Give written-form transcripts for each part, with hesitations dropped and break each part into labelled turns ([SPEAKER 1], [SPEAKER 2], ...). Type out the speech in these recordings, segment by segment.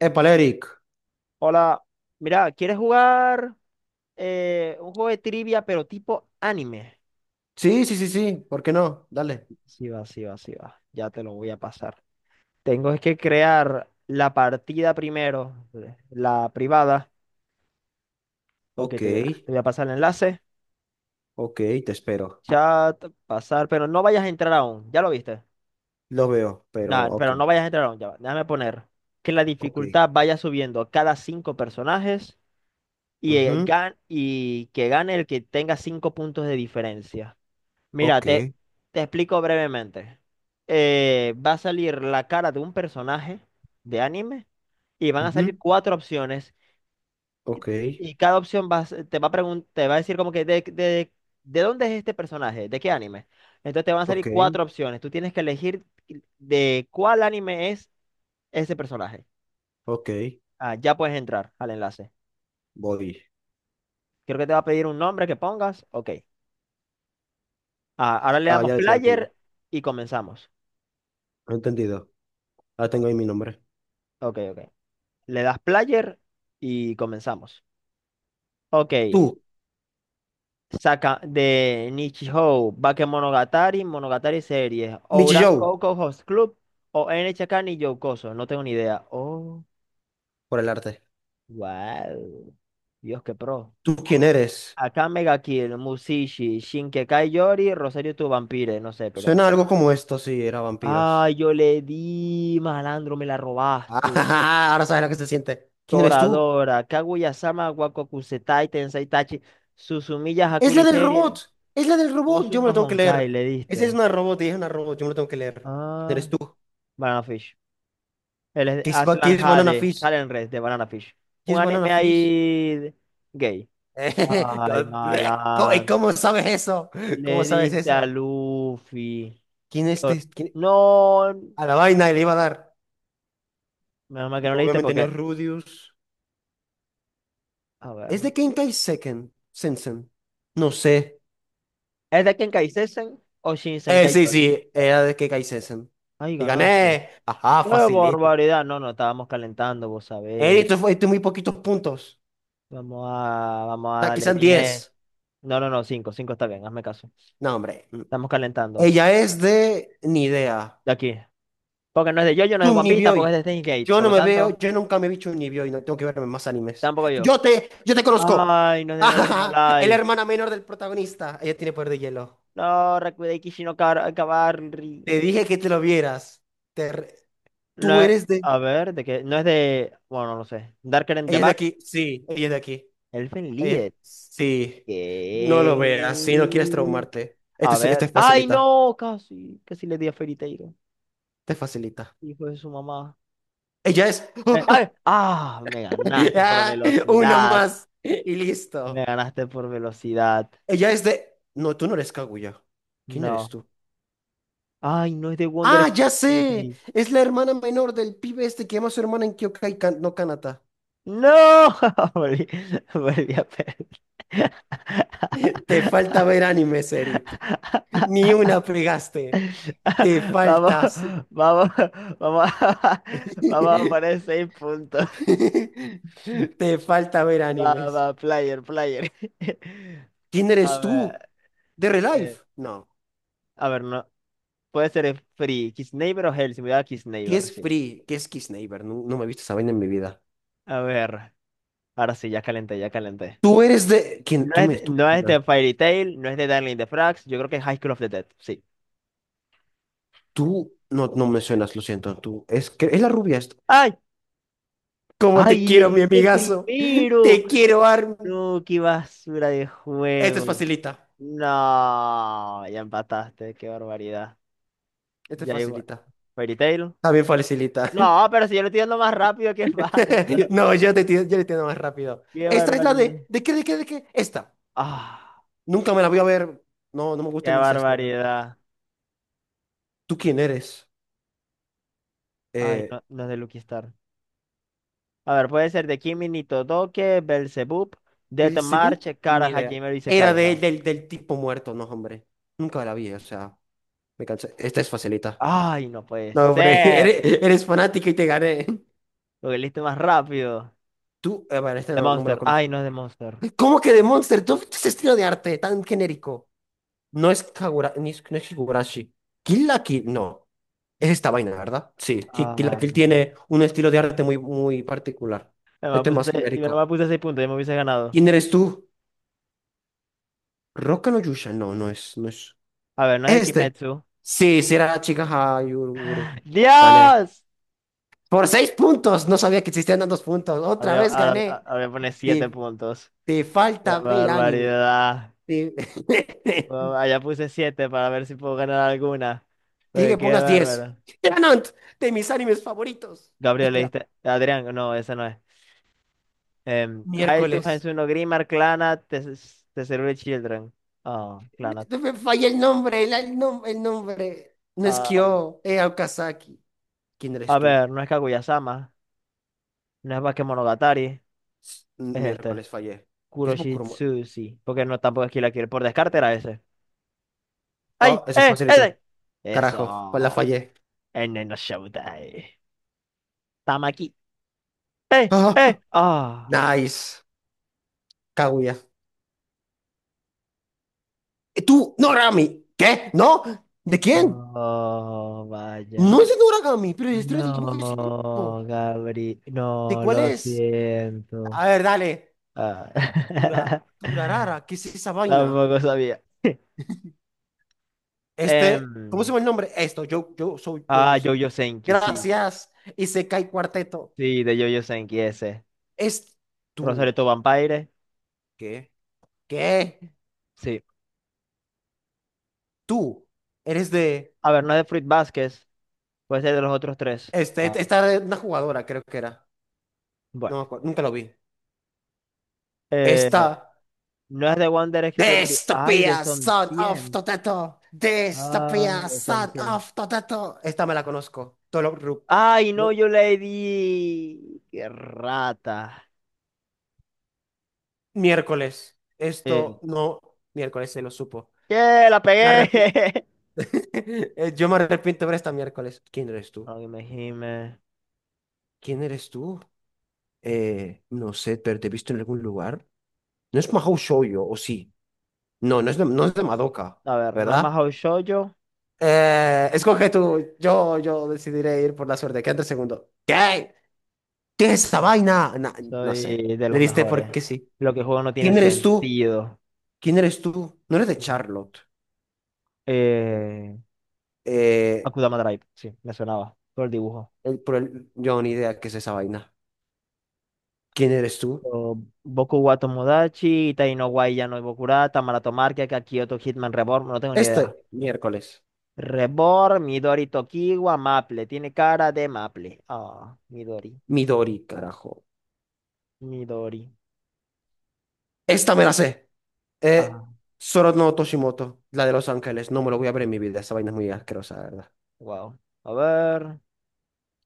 [SPEAKER 1] Épale, Eric.
[SPEAKER 2] Hola, mira, ¿quieres jugar un juego de trivia pero tipo anime?
[SPEAKER 1] Sí, sí, sí, sí. ¿Por qué no? Dale.
[SPEAKER 2] Sí va, sí va, sí va. Ya te lo voy a pasar. Tengo es que crear la partida primero, la privada. Ok,
[SPEAKER 1] Ok,
[SPEAKER 2] te voy a pasar el enlace.
[SPEAKER 1] ok, te espero.
[SPEAKER 2] Chat, pasar, pero no vayas a entrar aún. ¿Ya lo viste?
[SPEAKER 1] Lo veo, pero
[SPEAKER 2] Nah,
[SPEAKER 1] ok,
[SPEAKER 2] pero no vayas a entrar aún. Ya va. Déjame poner que la
[SPEAKER 1] ok.
[SPEAKER 2] dificultad vaya subiendo a cada cinco personajes y,
[SPEAKER 1] Ujú,
[SPEAKER 2] y que gane el que tenga cinco puntos de diferencia. Mira,
[SPEAKER 1] ok,
[SPEAKER 2] te, te explico brevemente. Va a salir la cara de un personaje de anime y van a salir
[SPEAKER 1] ujú,
[SPEAKER 2] cuatro opciones y,
[SPEAKER 1] ok,
[SPEAKER 2] y cada opción va a se- te va a pregun- te va a decir como que de dónde es este personaje, de qué anime. Entonces te van a
[SPEAKER 1] ok,
[SPEAKER 2] salir cuatro opciones. Tú tienes que elegir de cuál anime es ese personaje.
[SPEAKER 1] ok.
[SPEAKER 2] Ah, ya puedes entrar al enlace.
[SPEAKER 1] Voy.
[SPEAKER 2] Creo que te va a pedir un nombre que pongas. Ok. Ah, ahora le
[SPEAKER 1] Ah,
[SPEAKER 2] damos
[SPEAKER 1] ya, ya lo tengo.
[SPEAKER 2] player y comenzamos.
[SPEAKER 1] Entendido. Ah, tengo ahí mi nombre.
[SPEAKER 2] Ok, ok. Le das player y comenzamos. Ok.
[SPEAKER 1] Tú,
[SPEAKER 2] Saca de Nichijou, Bakemonogatari, Monogatari Series,
[SPEAKER 1] Michi
[SPEAKER 2] Ouran
[SPEAKER 1] Joe,
[SPEAKER 2] Coco Host Club o NHK ni Yokoso. No tengo ni idea. Oh,
[SPEAKER 1] por el arte.
[SPEAKER 2] wow. Dios, qué pro.
[SPEAKER 1] ¿Tú quién eres?
[SPEAKER 2] Acá Mega Kill, Musashi, Shinkekai Yori, Rosario tu Vampire. No sé, pero.
[SPEAKER 1] Suena algo como esto si era vampiros.
[SPEAKER 2] Ay, yo le di, malandro, me la robaste.
[SPEAKER 1] Ah, ahora sabes lo que se siente. ¿Quién eres tú?
[SPEAKER 2] Toradora, Kaguya-sama, Wakokusetai, Tensei Tachi, Suzumiya
[SPEAKER 1] Es la
[SPEAKER 2] Hakuri
[SPEAKER 1] del
[SPEAKER 2] Series.
[SPEAKER 1] robot. Es la del robot.
[SPEAKER 2] Puso
[SPEAKER 1] Yo me la
[SPEAKER 2] unos
[SPEAKER 1] tengo que
[SPEAKER 2] Honkai,
[SPEAKER 1] leer.
[SPEAKER 2] le
[SPEAKER 1] Esa es
[SPEAKER 2] diste.
[SPEAKER 1] una robot y es una robot. Yo me la tengo que leer. ¿Quién
[SPEAKER 2] Ah,
[SPEAKER 1] eres tú?
[SPEAKER 2] Banana Fish. Él es
[SPEAKER 1] ¿Qué es, qué
[SPEAKER 2] Aslan
[SPEAKER 1] es Banana
[SPEAKER 2] Jade,
[SPEAKER 1] Fish?
[SPEAKER 2] Talent Red de Banana Fish.
[SPEAKER 1] ¿Qué
[SPEAKER 2] Un
[SPEAKER 1] es
[SPEAKER 2] anime
[SPEAKER 1] Banana Fish?
[SPEAKER 2] ahí de gay. Ay,
[SPEAKER 1] ¿Cómo, y
[SPEAKER 2] malandro.
[SPEAKER 1] cómo sabes eso? ¿Cómo
[SPEAKER 2] Le
[SPEAKER 1] sabes
[SPEAKER 2] diste a
[SPEAKER 1] eso?
[SPEAKER 2] Luffy.
[SPEAKER 1] ¿Quién es este?
[SPEAKER 2] So- No,
[SPEAKER 1] A la vaina le iba a dar.
[SPEAKER 2] menos mal que no le diste
[SPEAKER 1] Obviamente no
[SPEAKER 2] porque.
[SPEAKER 1] es Rudius.
[SPEAKER 2] A ver.
[SPEAKER 1] ¿Es de Kenkai Seken? Sensen. No sé.
[SPEAKER 2] ¿Es de Kenkai Sesen o Shinsenkai
[SPEAKER 1] Sí,
[SPEAKER 2] Yori?
[SPEAKER 1] sí. Era de Kenkai Sensen.
[SPEAKER 2] Ay,
[SPEAKER 1] Y
[SPEAKER 2] ganaste.
[SPEAKER 1] gané. Ajá,
[SPEAKER 2] ¡Qué
[SPEAKER 1] facilito.
[SPEAKER 2] barbaridad! No, no, estábamos calentando, vos sabéis.
[SPEAKER 1] Esto fue, esto muy poquitos puntos.
[SPEAKER 2] Vamos a
[SPEAKER 1] Da,
[SPEAKER 2] darle
[SPEAKER 1] quizás 10.
[SPEAKER 2] bien. No, no, no, cinco, cinco está bien, hazme caso.
[SPEAKER 1] No, hombre.
[SPEAKER 2] Estamos calentando.
[SPEAKER 1] Ella es de ni idea.
[SPEAKER 2] De aquí. Porque no es de JoJo, no es de One Piece,
[SPEAKER 1] Chunibyo.
[SPEAKER 2] tampoco es de Steins Gate.
[SPEAKER 1] Yo
[SPEAKER 2] Por
[SPEAKER 1] no
[SPEAKER 2] lo
[SPEAKER 1] me
[SPEAKER 2] tanto,
[SPEAKER 1] veo, yo nunca me he visto un y no tengo que verme más animes.
[SPEAKER 2] tampoco yo.
[SPEAKER 1] Yo te conozco.
[SPEAKER 2] Ay, no es de No Game No
[SPEAKER 1] Es la
[SPEAKER 2] Life.
[SPEAKER 1] hermana menor del protagonista. Ella tiene poder de hielo.
[SPEAKER 2] No, Rakudei Kishino Kabarri.
[SPEAKER 1] Te dije que te lo vieras. Te re-
[SPEAKER 2] No
[SPEAKER 1] Tú
[SPEAKER 2] es-
[SPEAKER 1] eres de.
[SPEAKER 2] a ver, de qué. No es de. Bueno, no sé. Darker in the
[SPEAKER 1] Ella es de
[SPEAKER 2] Back.
[SPEAKER 1] aquí. Sí, ella es de aquí.
[SPEAKER 2] Elfen Lied.
[SPEAKER 1] Sí. No
[SPEAKER 2] ¿Qué?
[SPEAKER 1] lo veas. Si no quieres traumarte. Este,
[SPEAKER 2] A
[SPEAKER 1] es- este
[SPEAKER 2] ver.
[SPEAKER 1] es
[SPEAKER 2] Ay,
[SPEAKER 1] facilita.
[SPEAKER 2] no, casi. Casi le di a Fairy Tail,
[SPEAKER 1] Te facilita.
[SPEAKER 2] hijo de su mamá.
[SPEAKER 1] Ella es.
[SPEAKER 2] Me ganaste por
[SPEAKER 1] Ah, una
[SPEAKER 2] velocidad.
[SPEAKER 1] más. Y
[SPEAKER 2] Me
[SPEAKER 1] listo.
[SPEAKER 2] ganaste por velocidad.
[SPEAKER 1] Ella es de... No, tú no eres Kaguya. ¿Quién eres
[SPEAKER 2] No.
[SPEAKER 1] tú?
[SPEAKER 2] Ay, no es de Wonder
[SPEAKER 1] Ah, ya sé.
[SPEAKER 2] Spirit.
[SPEAKER 1] Es la hermana menor del pibe este que llama a su hermana en Kyokai, no Kanata.
[SPEAKER 2] No, volví, volví a perder.
[SPEAKER 1] Te falta ver animes, Eric. Ni una pegaste. Te
[SPEAKER 2] Vamos,
[SPEAKER 1] faltas.
[SPEAKER 2] vamos, vamos, vamos a poner seis puntos.
[SPEAKER 1] Te falta ver
[SPEAKER 2] Va,
[SPEAKER 1] animes.
[SPEAKER 2] va, player, player.
[SPEAKER 1] ¿Quién
[SPEAKER 2] A
[SPEAKER 1] eres tú?
[SPEAKER 2] ver,
[SPEAKER 1] ¿De Relife?
[SPEAKER 2] eh,
[SPEAKER 1] No.
[SPEAKER 2] a ver, no, puede ser Free, Kiss Neighbor o Hell, si me da Kiss
[SPEAKER 1] ¿Qué
[SPEAKER 2] Neighbor,
[SPEAKER 1] es
[SPEAKER 2] sí.
[SPEAKER 1] Free? ¿Qué es Kiss Neighbor? No, no me he visto esa vaina en mi vida.
[SPEAKER 2] A ver, ahora sí, ya calenté, ya calenté.
[SPEAKER 1] Tú eres de... ¿Quién? Tú me, tú me
[SPEAKER 2] No es
[SPEAKER 1] suenas.
[SPEAKER 2] de Fairy Tail, no es de Darling in the Franxx, yo creo que es High School of the Dead, sí.
[SPEAKER 1] Tú no me suenas, lo siento. Tú es que es la rubia.
[SPEAKER 2] ¡Ay!
[SPEAKER 1] Como te
[SPEAKER 2] ¡Ay! ¡Le
[SPEAKER 1] quiero, mi
[SPEAKER 2] diste
[SPEAKER 1] amigazo.
[SPEAKER 2] primero!
[SPEAKER 1] Te quiero, Armin.
[SPEAKER 2] No, qué basura de
[SPEAKER 1] Esta es
[SPEAKER 2] juego.
[SPEAKER 1] facilita.
[SPEAKER 2] No, ya empataste, qué barbaridad.
[SPEAKER 1] Esta es
[SPEAKER 2] Ya igual.
[SPEAKER 1] facilita.
[SPEAKER 2] Fairy Tail.
[SPEAKER 1] También facilita.
[SPEAKER 2] No, pero si yo lo estoy dando más rápido que falso.
[SPEAKER 1] No, yo le entiendo más rápido.
[SPEAKER 2] Qué
[SPEAKER 1] Esta es la
[SPEAKER 2] barbaridad.
[SPEAKER 1] de... ¿De qué? Esta.
[SPEAKER 2] Ah,
[SPEAKER 1] Nunca me la voy a ver. No, no me
[SPEAKER 2] qué
[SPEAKER 1] gusta el incesto, la verdad.
[SPEAKER 2] barbaridad.
[SPEAKER 1] ¿Tú quién eres?
[SPEAKER 2] Ay,
[SPEAKER 1] Eh,
[SPEAKER 2] no, no es de Lucky Star. A ver, puede ser de Kimi ni Todoke, Belzebub, Death
[SPEAKER 1] ¿Beelzebub?
[SPEAKER 2] March, Kara
[SPEAKER 1] Ni idea.
[SPEAKER 2] Hajime y
[SPEAKER 1] Era
[SPEAKER 2] Sekai,
[SPEAKER 1] de-
[SPEAKER 2] no.
[SPEAKER 1] del, del tipo muerto, no, hombre. Nunca la vi, o sea, me cansé. Esta es facilita.
[SPEAKER 2] Ay, no puede
[SPEAKER 1] No, hombre,
[SPEAKER 2] ser.
[SPEAKER 1] eres fanática y te gané.
[SPEAKER 2] Lo que listo más rápido.
[SPEAKER 1] Tú, bueno, este
[SPEAKER 2] The
[SPEAKER 1] no, no me lo
[SPEAKER 2] Monster. Ay,
[SPEAKER 1] conozco.
[SPEAKER 2] no es de Monster.
[SPEAKER 1] ¿Cómo que de Monster? Todo este estilo de arte tan genérico. No es Kagura, ni es- no es Higurashi. Kill la Kill, no. Es esta vaina, ¿verdad? Sí, Kill la
[SPEAKER 2] Ah,
[SPEAKER 1] Kill tiene un estilo de arte muy, muy particular.
[SPEAKER 2] yo me
[SPEAKER 1] Este es
[SPEAKER 2] puse
[SPEAKER 1] más
[SPEAKER 2] seis, yo
[SPEAKER 1] genérico.
[SPEAKER 2] me puse seis puntos, yo me hubiese ganado.
[SPEAKER 1] ¿Quién eres tú? Roca no Yusha. No, no es.
[SPEAKER 2] A ver, no es de
[SPEAKER 1] Este.
[SPEAKER 2] Kimetsu.
[SPEAKER 1] Sí, será chica Hayuruguru. Gané.
[SPEAKER 2] ¡Dios!
[SPEAKER 1] Por seis puntos. No sabía que existían tantos puntos. Otra vez gané.
[SPEAKER 2] Ahora pone 7
[SPEAKER 1] Te,
[SPEAKER 2] puntos.
[SPEAKER 1] te
[SPEAKER 2] ¡Qué
[SPEAKER 1] falta ver anime.
[SPEAKER 2] barbaridad!
[SPEAKER 1] Te-
[SPEAKER 2] Bueno, allá puse 7 para ver si puedo ganar alguna.
[SPEAKER 1] Dije
[SPEAKER 2] Pero
[SPEAKER 1] que
[SPEAKER 2] qué
[SPEAKER 1] pongas 10.
[SPEAKER 2] bárbaro.
[SPEAKER 1] Tenant, de mis animes favoritos.
[SPEAKER 2] Gabriel,
[SPEAKER 1] Espera,
[SPEAKER 2] leíste. Adrián, no, esa no es. Haitu,
[SPEAKER 1] miércoles.
[SPEAKER 2] Hensuno, Grimar, Clannad, Tesserure Children. Ah, Clannad.
[SPEAKER 1] Me falla el nombre. No es
[SPEAKER 2] Ah,
[SPEAKER 1] Kyo, Okazaki. ¿Quién
[SPEAKER 2] a
[SPEAKER 1] eres tú?
[SPEAKER 2] ver, no es Kaguya-sama, no es Bakemonogatari, es este.
[SPEAKER 1] Miércoles fallé. ¿Qué es Bokuruma?
[SPEAKER 2] Kuroshitsushi. Porque no tampoco es Kill la Kill. Por descarte era ese. ¡Ay!
[SPEAKER 1] Oh, ese es
[SPEAKER 2] ¡Eh!
[SPEAKER 1] facilito.
[SPEAKER 2] ¡Eh!
[SPEAKER 1] Carajo, pues la
[SPEAKER 2] Eso.
[SPEAKER 1] fallé.
[SPEAKER 2] En no Shoutai. Tamaki. ¡Eh!
[SPEAKER 1] Ah,
[SPEAKER 2] ¡Eh! ¡Ah!
[SPEAKER 1] nice. Kaguya. Tú, Noragami. ¿Qué? ¿No? ¿De quién?
[SPEAKER 2] Oh, vaya.
[SPEAKER 1] No es de Noragami, pero el
[SPEAKER 2] No,
[SPEAKER 1] estilo de dibujo es idéntico.
[SPEAKER 2] Gabri.
[SPEAKER 1] ¿De
[SPEAKER 2] No,
[SPEAKER 1] cuál
[SPEAKER 2] lo
[SPEAKER 1] es?
[SPEAKER 2] siento.
[SPEAKER 1] A ver, dale.
[SPEAKER 2] Ah.
[SPEAKER 1] Tura, Turarara, ¿qué es esa vaina?
[SPEAKER 2] Tampoco sabía.
[SPEAKER 1] Este, ¿cómo se
[SPEAKER 2] Em,
[SPEAKER 1] llama el nombre? Esto, yo, yo soy yo, yo sé.
[SPEAKER 2] Jojo Senki, sí.
[SPEAKER 1] Gracias. Y se cae cuarteto.
[SPEAKER 2] Sí, de Jojo Senki ese.
[SPEAKER 1] Es tú.
[SPEAKER 2] Rosario to Vampire,
[SPEAKER 1] ¿Qué? ¿Qué?
[SPEAKER 2] sí.
[SPEAKER 1] Tú. Eres de.
[SPEAKER 2] A ver, no es de Fruit Basket, puede ser de los otros tres. Ah.
[SPEAKER 1] Esta era una jugadora, creo que era.
[SPEAKER 2] Bueno.
[SPEAKER 1] No me acuerdo, nunca lo vi.
[SPEAKER 2] Eh,
[SPEAKER 1] Esta.
[SPEAKER 2] no es de Wonder Experience. Ay, de
[SPEAKER 1] Dystopia,
[SPEAKER 2] Son
[SPEAKER 1] son of
[SPEAKER 2] 100.
[SPEAKER 1] Toteto.
[SPEAKER 2] Ah,
[SPEAKER 1] Dystopia,
[SPEAKER 2] de Son
[SPEAKER 1] son
[SPEAKER 2] 100.
[SPEAKER 1] of Toteto. Esta me la conozco. Tolo Rup.
[SPEAKER 2] Ay,
[SPEAKER 1] No,
[SPEAKER 2] no, yo le di. Qué rata.
[SPEAKER 1] miércoles. Esto
[SPEAKER 2] Eh,
[SPEAKER 1] no. Miércoles se lo supo.
[SPEAKER 2] ¡Che, la
[SPEAKER 1] Me
[SPEAKER 2] pegué!
[SPEAKER 1] arrep- yo me arrepiento de ver esta miércoles. ¿Quién eres tú?
[SPEAKER 2] Ay, me gime.
[SPEAKER 1] ¿Quién eres tú? No sé, pero te he visto en algún lugar. No es Mahou Shoujo, ¿o sí? No, no es de Madoka,
[SPEAKER 2] A ver, no es
[SPEAKER 1] ¿verdad?
[SPEAKER 2] Mahou Shoujo.
[SPEAKER 1] Escoge tú. Yo decidiré ir por la suerte. Quédate el segundo. ¿Qué? ¿Qué es esta
[SPEAKER 2] Ah,
[SPEAKER 1] vaina? No sé.
[SPEAKER 2] soy de
[SPEAKER 1] Le
[SPEAKER 2] los
[SPEAKER 1] diste
[SPEAKER 2] mejores.
[SPEAKER 1] porque sí.
[SPEAKER 2] Lo que juego no tiene
[SPEAKER 1] ¿Quién eres tú?
[SPEAKER 2] sentido.
[SPEAKER 1] ¿Quién eres tú? No eres de
[SPEAKER 2] Uy.
[SPEAKER 1] Charlotte.
[SPEAKER 2] Eh,
[SPEAKER 1] Eh,
[SPEAKER 2] Akudama Drive, sí, me sonaba. Todo el dibujo.
[SPEAKER 1] yo ni idea qué es esa vaina. ¿Quién eres tú?
[SPEAKER 2] O Boku wa Tomodachi, Itai no wa Yano Bokurata, Marato Market, Kakioto Hitman Reborn, no tengo ni idea.
[SPEAKER 1] Este miércoles.
[SPEAKER 2] Reborn, Midori Tokiwa, Maple. Tiene cara de Maple. Ah, Midori.
[SPEAKER 1] Midori, carajo.
[SPEAKER 2] Midori.
[SPEAKER 1] Esta me la sé. Eh,
[SPEAKER 2] Ah,
[SPEAKER 1] Soro no Toshimoto, la de Los Ángeles. No me lo voy a ver en mi vida. Esa vaina es muy asquerosa, la verdad.
[SPEAKER 2] wow. A ver.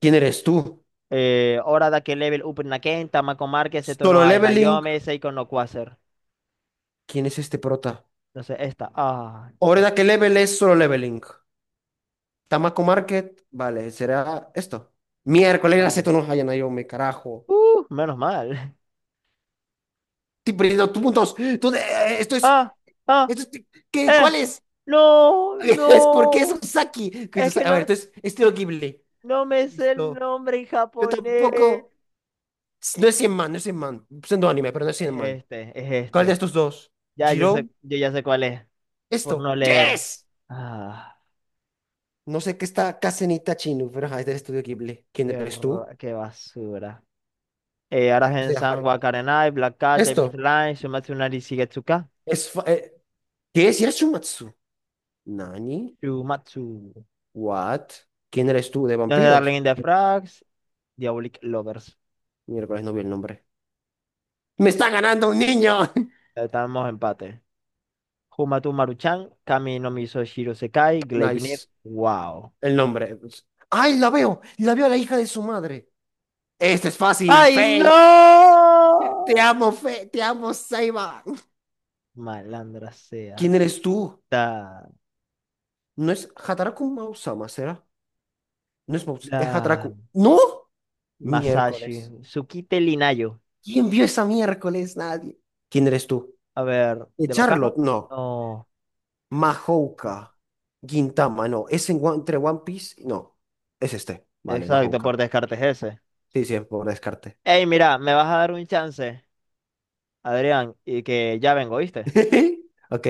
[SPEAKER 1] ¿Quién eres tú?
[SPEAKER 2] Hora da que level up Naken, Tamako Márquez, Seto no
[SPEAKER 1] Solo
[SPEAKER 2] hay
[SPEAKER 1] Leveling.
[SPEAKER 2] Nayome, Seiko no Quasar.
[SPEAKER 1] ¿Quién es este prota?
[SPEAKER 2] Entonces, esta. Ah,
[SPEAKER 1] Oreda, ¿qué level es Solo Leveling? Tamako Market. Vale, será esto. Miércoles, la
[SPEAKER 2] no.
[SPEAKER 1] seto no hayan yo me carajo.
[SPEAKER 2] Menos mal.
[SPEAKER 1] Estoy perdiendo tus puntos. Esto es.
[SPEAKER 2] Ah, ah,
[SPEAKER 1] Esto es- ¿Qué?
[SPEAKER 2] eh.
[SPEAKER 1] ¿Cuál es?
[SPEAKER 2] No,
[SPEAKER 1] Es porque es
[SPEAKER 2] no.
[SPEAKER 1] Usaki. Que es
[SPEAKER 2] Es que
[SPEAKER 1] Usaki. A ver,
[SPEAKER 2] no,
[SPEAKER 1] entonces, estilo Ghibli.
[SPEAKER 2] no me sé el
[SPEAKER 1] Listo.
[SPEAKER 2] nombre en
[SPEAKER 1] Yo
[SPEAKER 2] japonés.
[SPEAKER 1] tampoco. No es 100 man, no es 100 man. Siendo anime, pero no es 100 man.
[SPEAKER 2] Es
[SPEAKER 1] ¿Cuál de
[SPEAKER 2] este.
[SPEAKER 1] estos dos?
[SPEAKER 2] Ya, yo
[SPEAKER 1] Jiro,
[SPEAKER 2] sé, yo ya sé cuál es. Por
[SPEAKER 1] esto.
[SPEAKER 2] no leer.
[SPEAKER 1] ¡Yes!
[SPEAKER 2] Ah,
[SPEAKER 1] No sé qué está Casenita Chinu, pero ajá, es del estudio Ghibli. ¿Quién eres tú?
[SPEAKER 2] qué basura.
[SPEAKER 1] Es de
[SPEAKER 2] Aragen-san
[SPEAKER 1] Harry.
[SPEAKER 2] wa Karenai, Black Cat, Devil's
[SPEAKER 1] Esto.
[SPEAKER 2] Line, Shumatsu no Shigetsuka,
[SPEAKER 1] Es fa- eh, ¿Qué es Yashumatsu? ¿Nani?
[SPEAKER 2] Shumatsu.
[SPEAKER 1] ¿What? ¿Quién eres tú de
[SPEAKER 2] Los de Darling
[SPEAKER 1] vampiros?
[SPEAKER 2] in the Franxx, Diabolic Lovers.
[SPEAKER 1] Miércoles no vi el nombre. ¡Me está ganando un niño!
[SPEAKER 2] Estamos empate. Humatu Maruchan, Kami no Miso Shiro Sekai, Gleipnir.
[SPEAKER 1] Nice.
[SPEAKER 2] Wow.
[SPEAKER 1] El nombre, pues. ¡Ay, la veo! La veo a la hija de su madre. Este es fácil,
[SPEAKER 2] ¡Ay,
[SPEAKER 1] Faye. Te
[SPEAKER 2] no!
[SPEAKER 1] amo, Faye. Te amo, Seiba.
[SPEAKER 2] Malandra
[SPEAKER 1] ¿Quién
[SPEAKER 2] sea.
[SPEAKER 1] eres tú?
[SPEAKER 2] Da,
[SPEAKER 1] ¿No es Hataraku Mausama, será? No es Mouse, es
[SPEAKER 2] da,
[SPEAKER 1] Hatraku. ¿No?
[SPEAKER 2] Masashi.
[SPEAKER 1] Miércoles.
[SPEAKER 2] Tsukite Linayo.
[SPEAKER 1] ¿Quién vio esa miércoles? Nadie. ¿Quién eres tú?
[SPEAKER 2] A ver, ¿de bacano?
[SPEAKER 1] Charlotte, no.
[SPEAKER 2] No.
[SPEAKER 1] Mahouka. Gintama, no. ¿Es entre One Piece? No. Es este. Vale,
[SPEAKER 2] Exacto,
[SPEAKER 1] Mahouka.
[SPEAKER 2] por descartes ese.
[SPEAKER 1] Sí, sí, por descarte.
[SPEAKER 2] Ey, mira, ¿me vas a dar un chance? Adrián, y que ya vengo, ¿viste?
[SPEAKER 1] Ok.